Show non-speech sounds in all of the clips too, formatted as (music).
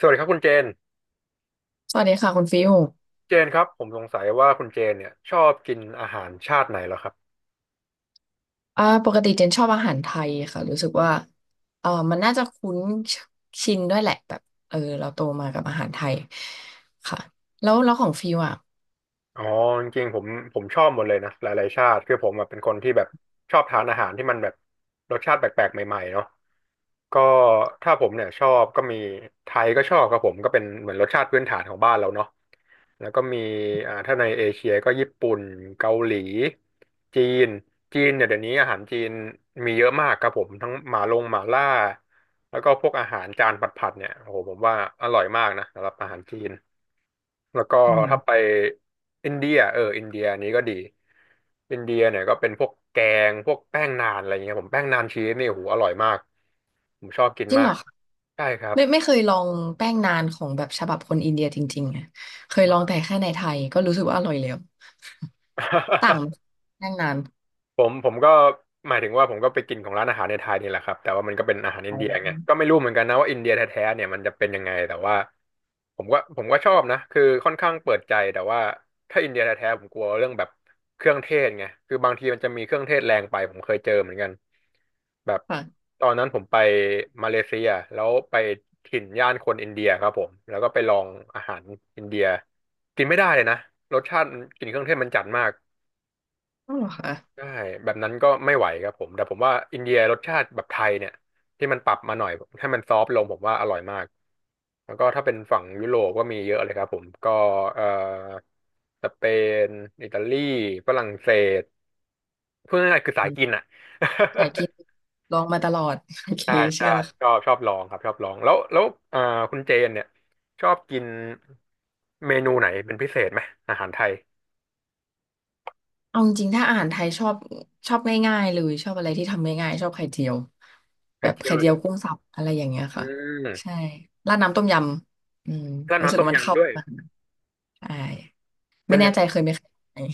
สวัสดีครับคุณเจน สวัสดีค่ะคุณฟิวเจนครับผมสงสัยว่าคุณเจนเนี่ยชอบกินอาหารชาติไหนเหรอครับ ปกติเจนชอบอาหารไทยค่ะรู้สึกว่ามันน่าจะคุ้นชินด้วยแหละแบบเราโตมากับอาหารไทยค่ะแล้วแล้วของฟิวอ่ะอ๋อจริงๆผมชอบหมดเลยนะหลายๆชาติคือผมแบบเป็นคนที่แบบชอบทานอาหารที่มันแบบรสชาติแปลกๆใหม่ๆเนาะก็ถ้าผมเนี่ยชอบก็มีไทยก็ชอบครับผมก็เป็นเหมือนรสชาติพื้นฐานของบ้านเราเนาะแล้วก็มีถ้าในเอเชียก็ญี่ปุ่นเกาหลีจีนจีนเนี่ยเดี๋ยวนี้อาหารจีนมีเยอะมากครับผมทั้งหมาลงหมาล่าแล้วก็พวกอาหารจานผัดๆเนี่ยโอ้โหผมว่าอร่อยมากนะสำหรับอาหารจีน แล้วก็อืถ้าไปมอินเดียเอออินเดียนี้ก็ดีอินเดียเนี่ยก็เป็นพวกแกงพวกแป้งนานอะไรเงี้ยผมแป้งนานชีสนี่โอ้โหอร่อยมากผมชอบกินจริงมาเหรกอคะใช่ครับไม่ไม่เคยลองแป้งนานของแบบฉบับคนอินเดียจริงๆอะเคยลองแต่แค่ในไทยก็รู้สึกว่าอร่อยแล้ว (laughs) ต่างแป้งนานผมก็หมายถึงว่าผมก็ไปกินของร้านอาหารในไทยนี่แหละครับแต่ว่ามันก็เป็นอาหารอินเดียไงก็ไม่รู้เหมือนกันนะว่าอินเดียแท้ๆเนี่ยมันจะเป็นยังไงแต่ว่า ผมก็ชอบนะคือค่อนข้างเปิดใจแต่ว่าถ้าอินเดียแท้ๆผมกลัวเรื่องแบบเครื่องเทศไงคือบางทีมันจะมีเครื่องเทศแรงไปผมเคยเจอเหมือนกันแบบค่ะตอนนั้นผมไปมาเลเซียแล้วไปถิ่นย่านคนอินเดียครับผมแล้วก็ไปลองอาหารอินเดียกินไม่ได้เลยนะรสชาติมันกลิ่นเครื่องเทศมันจัดมาก อ๋อเหรอคะใช่แบบนั้นก็ไม่ไหวครับผมแต่ผมว่าอินเดียรสชาติแบบไทยเนี่ยที่มันปรับมาหน่อยให้มันซอฟต์ลงผมว่าอร่อยมากแล้วก็ถ้าเป็นฝั่งยุโรปก็มีเยอะเลยครับผมก็เอ่อสเปนอิตาลีฝรั่งเศสพูดง่ายๆคือสาอืยกินมอ่ะ สายกินลองมาตลอด (laughs) โอ (laughs) เคใช่เชื่ใช่อแล้วชอค่ะ บชอบลองครับชอบลองแล้วเอ่อคุณเจนเนี่ยชอบกินเมนูไหนเป็นพิเศษไหมอาหารไทยเอาจริงๆถ้าอาหารไทยชอบชอบง่ายๆเลยชอบอะไรที่ทำง่ายๆชอบไข่เจียวแบไข่บเจียไข่วเลยเจีเหยรวอกุ้งสับอะไรอย่างเงี้ยอืค่ะใช่มราดน้ำต้มยำอืมก็รู้สึน้ำกต้มว่ามันเข้ายำด้วยกันใช่เป็ไม่นแน่ยังใจง เคยไหมเคย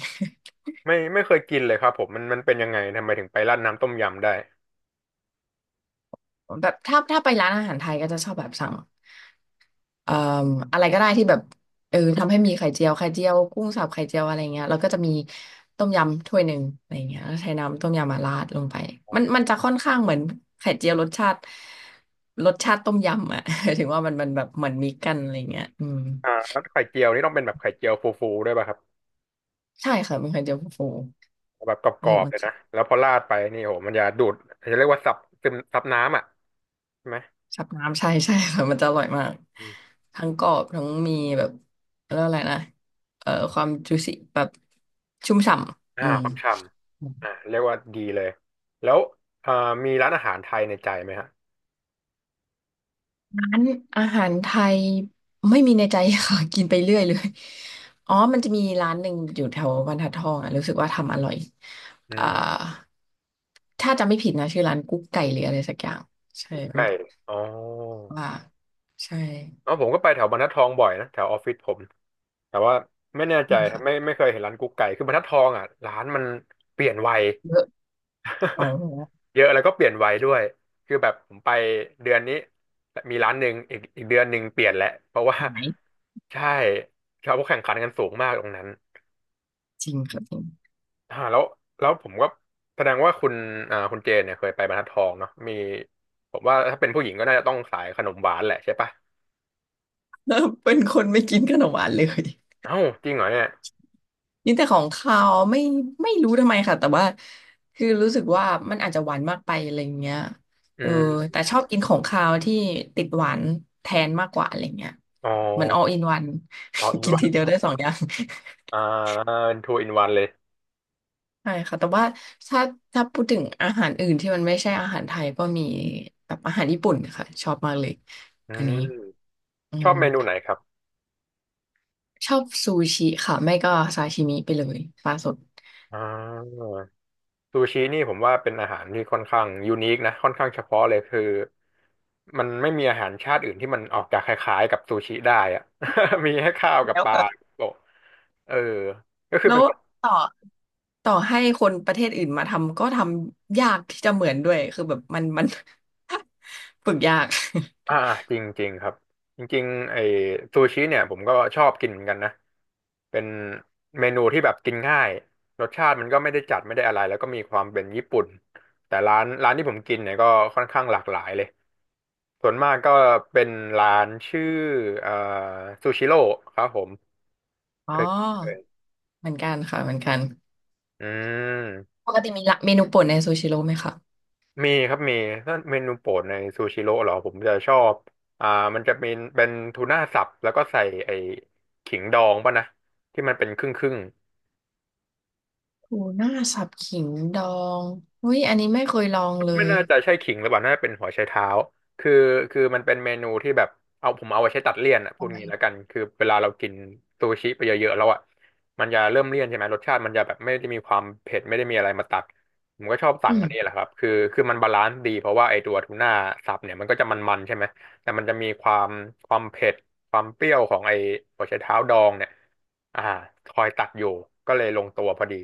ไม่เคยกินเลยครับผมมันเป็นยังไงทำไมถึงไปราดน้ำต้มยำได้ (laughs) แบบถ้าถ้าไปร้านอาหารไทยก็จะชอบแบบสั่ง เอ่ออะไรก็ได้ที่แบบทำให้มีไข่เจียวไข่เจียวกุ้งสับไข่เจียวอะไรเงี้ยแล้วก็จะมีต้มยำถ้วยหนึ่งอะไรเงี้ยแล้วใช้น้ำต้มยำมาราดลงไปมันมันจะค่อนข้างเหมือนไข่เจียวรสชาติรสชาติต้มยำอ่ะ (laughs) ถึงว่ามันมันแบบเหมือนมิกกันอะไรเงี้ยอืมอ่าแล้วไข่เจียวนี่ต้องเป็นแบบไข่เจียวฟูๆด้วยป่ะครับใช่ค่ะเป็นไข่เจียวฟูแบบกรู้รอสึกบๆว่าเลยนะแล้วพอราดไปนี่โหมันจะดูดจะเรียกว่าซับซึมซับน้ำอ่ะใช่ไหมชับน้ำใช่ใช่ค่ะมันจะอร่อยมากอมทั้งกรอบทั้งมีแบบเรียกว่าอะไรนะความจุสิแบบชุ่มฉ่ำอ่าอืม ความฉ่ำอ่าเรียกว่าดีเลยแล้วอ่ามีร้านอาหารไทยในใจไหมฮะร้านอาหารไทยไม่มีในใจค่ะ (laughs) กินไปเรื่อยเลยอ๋อมันจะมีร้านหนึ่งอยู่แถวบรรทัดทองอ่ะรู้สึกว่าทำอร่อยอือ่ามถ้าจำไม่ผิดนะชื่อร้านกุ๊กไก่หรืออะไรสักอย่างใช่มัใช่นบอกอ๋อว่าใช่อ๋อผมก็ไปแถวบรรทัดทองบ่อยนะแถวออฟฟิศผมแต่ว่าไม่แน่ใจไม่ค่ะไม่เคยเห็นร้านกุ๊กไก่คือบรรทัดทองอ่ะร้านมันเปลี่ยนไว เยอะอ๋อ (laughs) เยอะแล้วก็เปลี่ยนไวด้วยคือแบบผมไปเดือนนี้มีร้านหนึ่งอีกเดือนหนึ่งเปลี่ยนแหละเพราะว่า หาย (laughs) ใช่เขาแข่งขันกันสูงมากตรงนั้นจริงครับจริง อ่าแล้วแล้วผมก็แสดงว่าคุณอ่าคุณเจนเนี่ยเคยไปบรรทัดทองเนาะมีผมว่าถ้าเป็นผู้หญิงก็น่าจะต้องสายขนมหวานแหละใช่ปะ (laughs) เป็นคนไม่กินขนมหวานเลย เอ้าจริงเหรอเนี่ยยินแต่ของเขาวไม่ไม่รู้ทำไมค่ะแต่ว่าคือรู้สึกว่ามันอาจจะหวานมากไปอะไรเงี้ยอืเออมแต่ชอบกินของคาวที่ติดหวานแทนมากกว่าอะไรเงี้ยอ๋อเหมือน all in one อ๋ออิ (laughs) นกินวันทีเดียวได้สองอย่างอ่าทูอินวันเลยใช่ค่ะแต่ว่าถ้าถ้าพูดถึงอาหารอื่นที่มันไม่ใช่อาหารไทยก็มีแบบอาหารญี่ปุ่นค่ะชอบมากเลยอือันนี้มอืชอมบเมนูไหนครับชอบซูชิค่ะไม่ก็ซาชิมิไปเลยปลาสดอ่า ซูชินี่ผมว่าเป็นอาหารที่ค่อนข้างยูนิคนะค่อนข้างเฉพาะเลยคือมันไม่มีอาหารชาติอื่นที่มันออกจากคล้ายๆกับซูชิได้อะ (laughs) มีให้ข้าวกับแล้วปลาก็โปะเออก็คือแล้เป็วนคนต่อ ต่อให้คนประเทศอื่นมาทำก็ทำยากที่จะเหมือนด้วยคือแบบมันมัน (laughs) ฝึกยากอ่าจริงๆครับจริงๆไอ้ซูชิเนี่ยผมก็ชอบกินเหมือนกันนะเป็นเมนูที่แบบกินง่ายรสชาติมันก็ไม่ได้จัดไม่ได้อะไรแล้วก็มีความเป็นญี่ปุ่นแต่ร้านที่ผมกินเนี่ยก็ค่อนข้างหลากหลายเลย ส่วนมากก็เป็นร้านชื่อเอ่อซูชิโร่ครับผมอ๋เคยเคยอเหมือนกันค่ะเหมือนกันอืมปกติมีละเมนูโปรดในซูชิโร่ไหมคะมีครับมีถ้าเมนูโปรดในซูชิโร่เหรอผมจะชอบอ่ามันจะเป็นทูน่าสับแล้วก็ใส่ไอ้ขิงดองป่ะนะที่มันเป็นครึ่งครึ่ง ทูน่าสับขิงดองอุ้ยอันนี้ไม่เคยลองเลไม่ยน่าจะใช่ขิงหรือเปล่าน่าจะเป็นหัวไชเท้าคือคือมันเป็นเมนูที่แบบเอาผมเอาไว้ใช้ตัดเลี่ยนอ่ะพูดทำไมงี้แล้วกันคือเวลาเรากินซูชิไปเยอะๆแล้วอ่ะมันจะเริ่มเลี่ยนใช่ไหม รสชาติมันจะแบบไม่ได้มีความเผ็ดไม่ได้มีอะไรมาตัดผมก็ชอบสั่อืงอันนี้แหมละครับคือมันบาลานซ์ดีเพราะว่าไอตัวทูน่าสับเนี่ยมันก็จะมันๆใช่ไหมแต่มันจะมีความความเผ็ดความเปรี้ยวของไอหัวไชเท้าดองเนี่ยอ่าคอยตัดอยู่ก็เลยลงตัวพอดี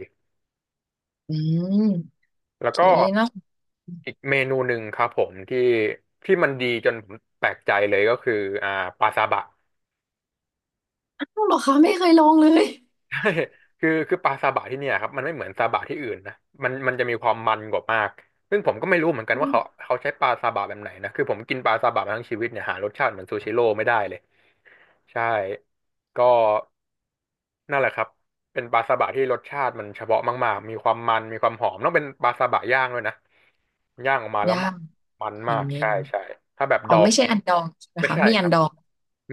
อืมโอแล้วเคก็ นะอีกเมนูหนึ่งครับผมที่มันดีจนผมแปลกใจเลยก็คืออ่าปลาซาบะ อ้าวเหรอคะไม่เคยลองเลย (laughs) ใช่คือปลาซาบะที่เนี่ยครับมันไม่เหมือนซาบะที่อื่นนะมันจะมีความมันกว่ามากซึ่งผมก็ไม่รู้เหมือนกัอืนว่าเขามเขาใช้ปลาซาบะแบบไหนนะคือผมกินปลาซาบะมาทั้งชีวิตเนี่ยหารสชาติเหมือนซูชิโร่ไม่ได้เลยใช่ก็นั่นแหละครับเป็นปลาซาบะที่รสชาติมันเฉพาะมากๆมีความมันมีความหอมต้องเป็นปลาซาบะย่างด้วยนะย่างออกมาแล้วยามันกมันโอเมากใช่คใช่ถ้าแบบดอ๋ออง ไม่ใช่อันดองใช่ไหมไม่คะใช่มีคอันรับดอง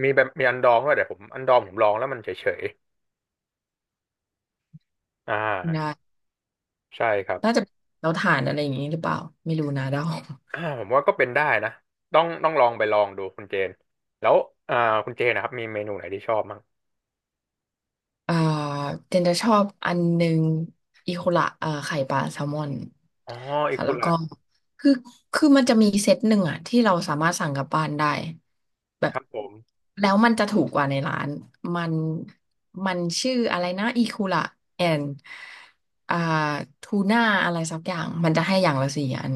มีแบบมีอันดองด้วยแต่ผมอันดองผมลองแล้วมันเฉยๆนะใช่ครับน่าจะเราถ่านอะไรอย่างนี้หรือเปล่าไม่รู้นะเดา ผมว่าก็เป็นได้นะต้องลองไปลองดูคุณเจนแล้วอ่าคุณเจนนะครับมีเมนูไหนที่ชอบมั้งเอ่อเจนจะชอบอันหนึ่งอีโคละไข่ปลาแซลมอนอ๋ออีค่ะคุแล้วระก็คือคือมันจะมีเซตหนึ่งอะที่เราสามารถสั่งกลับบ้านได้แบบครับผมแล้วมันจะถูกกว่าในร้านมันมันชื่ออะไรนะอีคูละแอนอ่าทูน่าอะไรสักอย่างมันจะให้อย่างละสี่อัน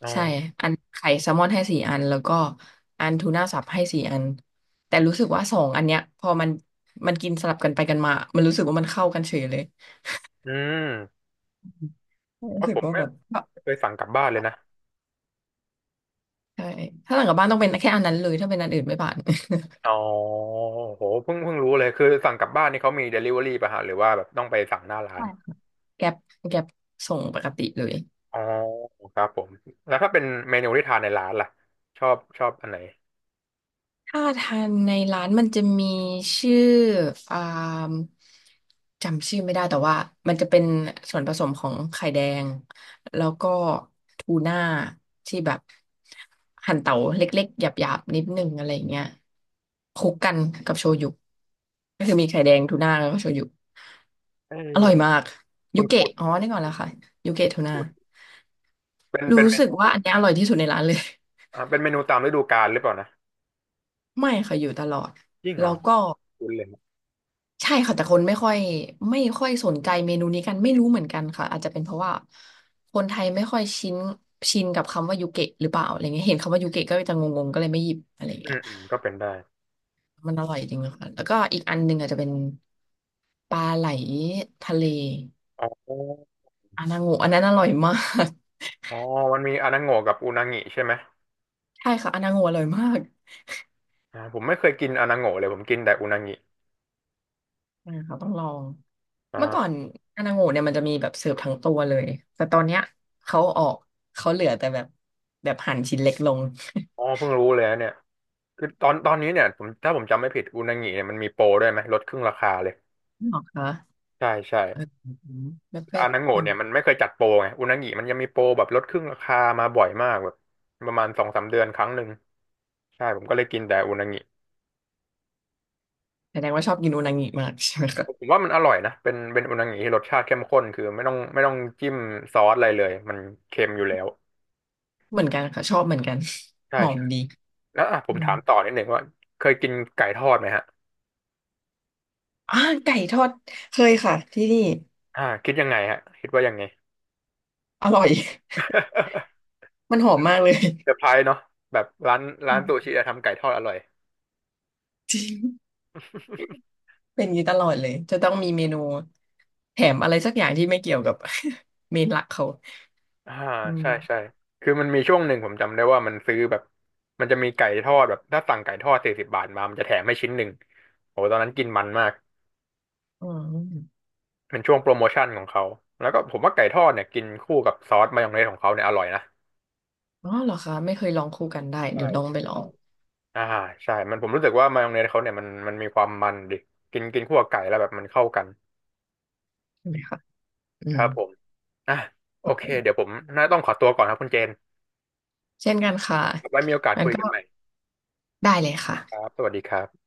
อ๋ใช่ออันไข่แซลมอนให้สี่อันแล้วก็อันทูน่าสับให้สี่อัน แต่รู้สึกว่าสองอันเนี้ยพอมันมันกินสลับกันไปกันมามันรู้สึกว่ามันเข้ากันเฉยเลยอืมรู้ว่าะสึผกมว่าไม่แบบไม่เคยสั่งกลับบ้านเลยนะใช่ถ้าหลังกลับบ้านต้องเป็นแค่อันนั้นเลยถ้าเป็นอันอื่นไม่ผ่าน อ๋อโหเพิ่งรู้เลยคือสั่งกลับบ้านนี่เขามีเดลิเวอรี่ป่ะฮะหรือว่าแบบต้องไปสั่งหน้า (laughs) ร้านใช่ค่ะ (laughs) แก๊ปแก๊ปส่งปกติเลย อ๋อครับผมแล้วถ้าเป็นเมนูที่ทานในร้านล่ะชอบอันไหนถ้าทานในร้านมันจะมีชื่ออ่าจำชื่อไม่ได้แต่ว่ามันจะเป็นส่วนผสมของไข่แดงแล้วก็ทูน่าที่แบบหั่นเต๋าเล็กๆหยาบๆนิดนึงอะไรอย่างเงี้ยคลุกกันกับโชยุก็คือมีไข่แดงทูน่าแล้วก็โชยุเอร่อยออมากคุยุณเกะคุ้น อ๋อนี่ก่อนแล้วค่ะยุเกะทูน่าเป็นเป็รู้นเมสึกนูว่าอันเนี้ยอร่อยที่สุดในร้านเลย เป็นเมนูตามฤดูกาลหรือเปล่านะ (laughs) ไม่ค่ะอยู่ตลอดยิ่งเหรแล้อวก็ คุ้นเลยนะใช่ค่ะแต่คนไม่ค่อยไม่ค่อยสนใจเมนูนี้กันไม่รู้เหมือนกันค่ะอาจจะเป็นเพราะว่าคนไทยไม่ค่อยชินชินกับคำว่ายูเกะหรือเปล่าอะไรเงี้ยเห็นคำว่ายูเกะก็จะงงๆก็เลยไม่หยิบอะไรอืเงี้ยมอืมก็เป็นได้มันอร่อยจริงนะคะแล้วก็อีกอันหนึ่งอาจจะเป็นปลาไหลทะเลอ๋ออานาโงะอันนั้นอร่อยมากอ๋อมันมีอานาโงะกับอุนางิใช่ไหมใช่ค่ะอานาโงะอร่อยมากผมไม่เคยกินอานาโงะเลยผมกินแต่อุนางินะคะต้องลองอ่เมื่อก่อนาอานาโงะเนี่ยมันจะมีแบบเสิร์ฟทั้งตัวเลยแต่ตอนเนี้ยเขาออกเขาเหลือแต่แบบแบบหั่นชิ้นเล็กลง อ๋อเพิ่งรู้เลยนะเนี่ยคือตอนนี้เนี่ยผมถ้าผมจำไม่ผิดอุนางิเนี่ยมันมีโปรด้วยไหมลดครึ่งราคาเลยหรอคะใช่ใช่เออแบบแบอาบนาคโงะนเนี่ยมันไม่เคยจัดโปรไงอุนางิมันยังมีโปรแบบลดครึ่งราคามาบ่อยมากแบบประมาณสองสามเดือนครั้งหนึ่งใช่ผมก็เลยกินแต่อุนางิ แสดงว่าชอบกินอุนางิมากใช่ไหมผคะมว่ามันอร่อยนะ เป็นอุนางิที่รสชาติเข้มข้นคือไม่ต้องจิ้มซอสอะไรเลยมันเค็มอยู่แล้วเหมือนกันค่ะชอบเหมือนกันใช่หอมใช่ดีแล้วอ่ะผอืมมถามต่อนิดหนึ่งว่าเคยกินไก่ทอดไหมฮะอ่าไก่ทอดเคยค่ะที่นี่คิดยังไงฮะคิดว่ายังไง อร่อย (laughs) (laughs) มันหอมมากเลยเซอร์ไพรส์ (laughs) เนาะแบบร้านค่ะซูชิอะทำไก่ทอดอร่อย จริงเป็นอย่างนี้ตลอดเลยจะต้องมีเมนูแถมอะไรสักอย่างที่ไม่เกี่ยวกับ (laughs) เมนหลักเขา (laughs) อ่าอืใช่มใช่คือมันมีช่วงหนึ่งผมจำได้ว่ามันซื้อแบบมันจะมีไก่ทอดแบบถ้าสั่งไก่ทอด40 บาทมามันจะแถมให้ชิ้นหนึ่งโอ้ตอนนั้นกินมันมาก อืมเป็นช่วงโปรโมชั่นของเขา แล้วก็ผมว่าไก่ทอดเนี่ยกินคู่กับซอสมายองเนสของเขาเนี่ยอร่อยนะอ๋อเหรอคะไม่เคยลองคู่กันได้ใช่เดี๋ยวลองครัไปบลอใช่งอ่าใช่มันผมรู้สึกว่ามายองเนสเขาเนี่ยมันมีความมันดิกินกินคู่กับไก่แล้วแบบมันเข้ากันใช่ไหมคะอืคมรับผมอ่ะโอเคเดี๋ยวผมน่าต้องขอตัวก่อนครับคุณเจนเช่นกันค่ะไว้มีโอกาสงั้นคุยก็กันใหม่ได้เลยครัค่ะบสวัสดีครับ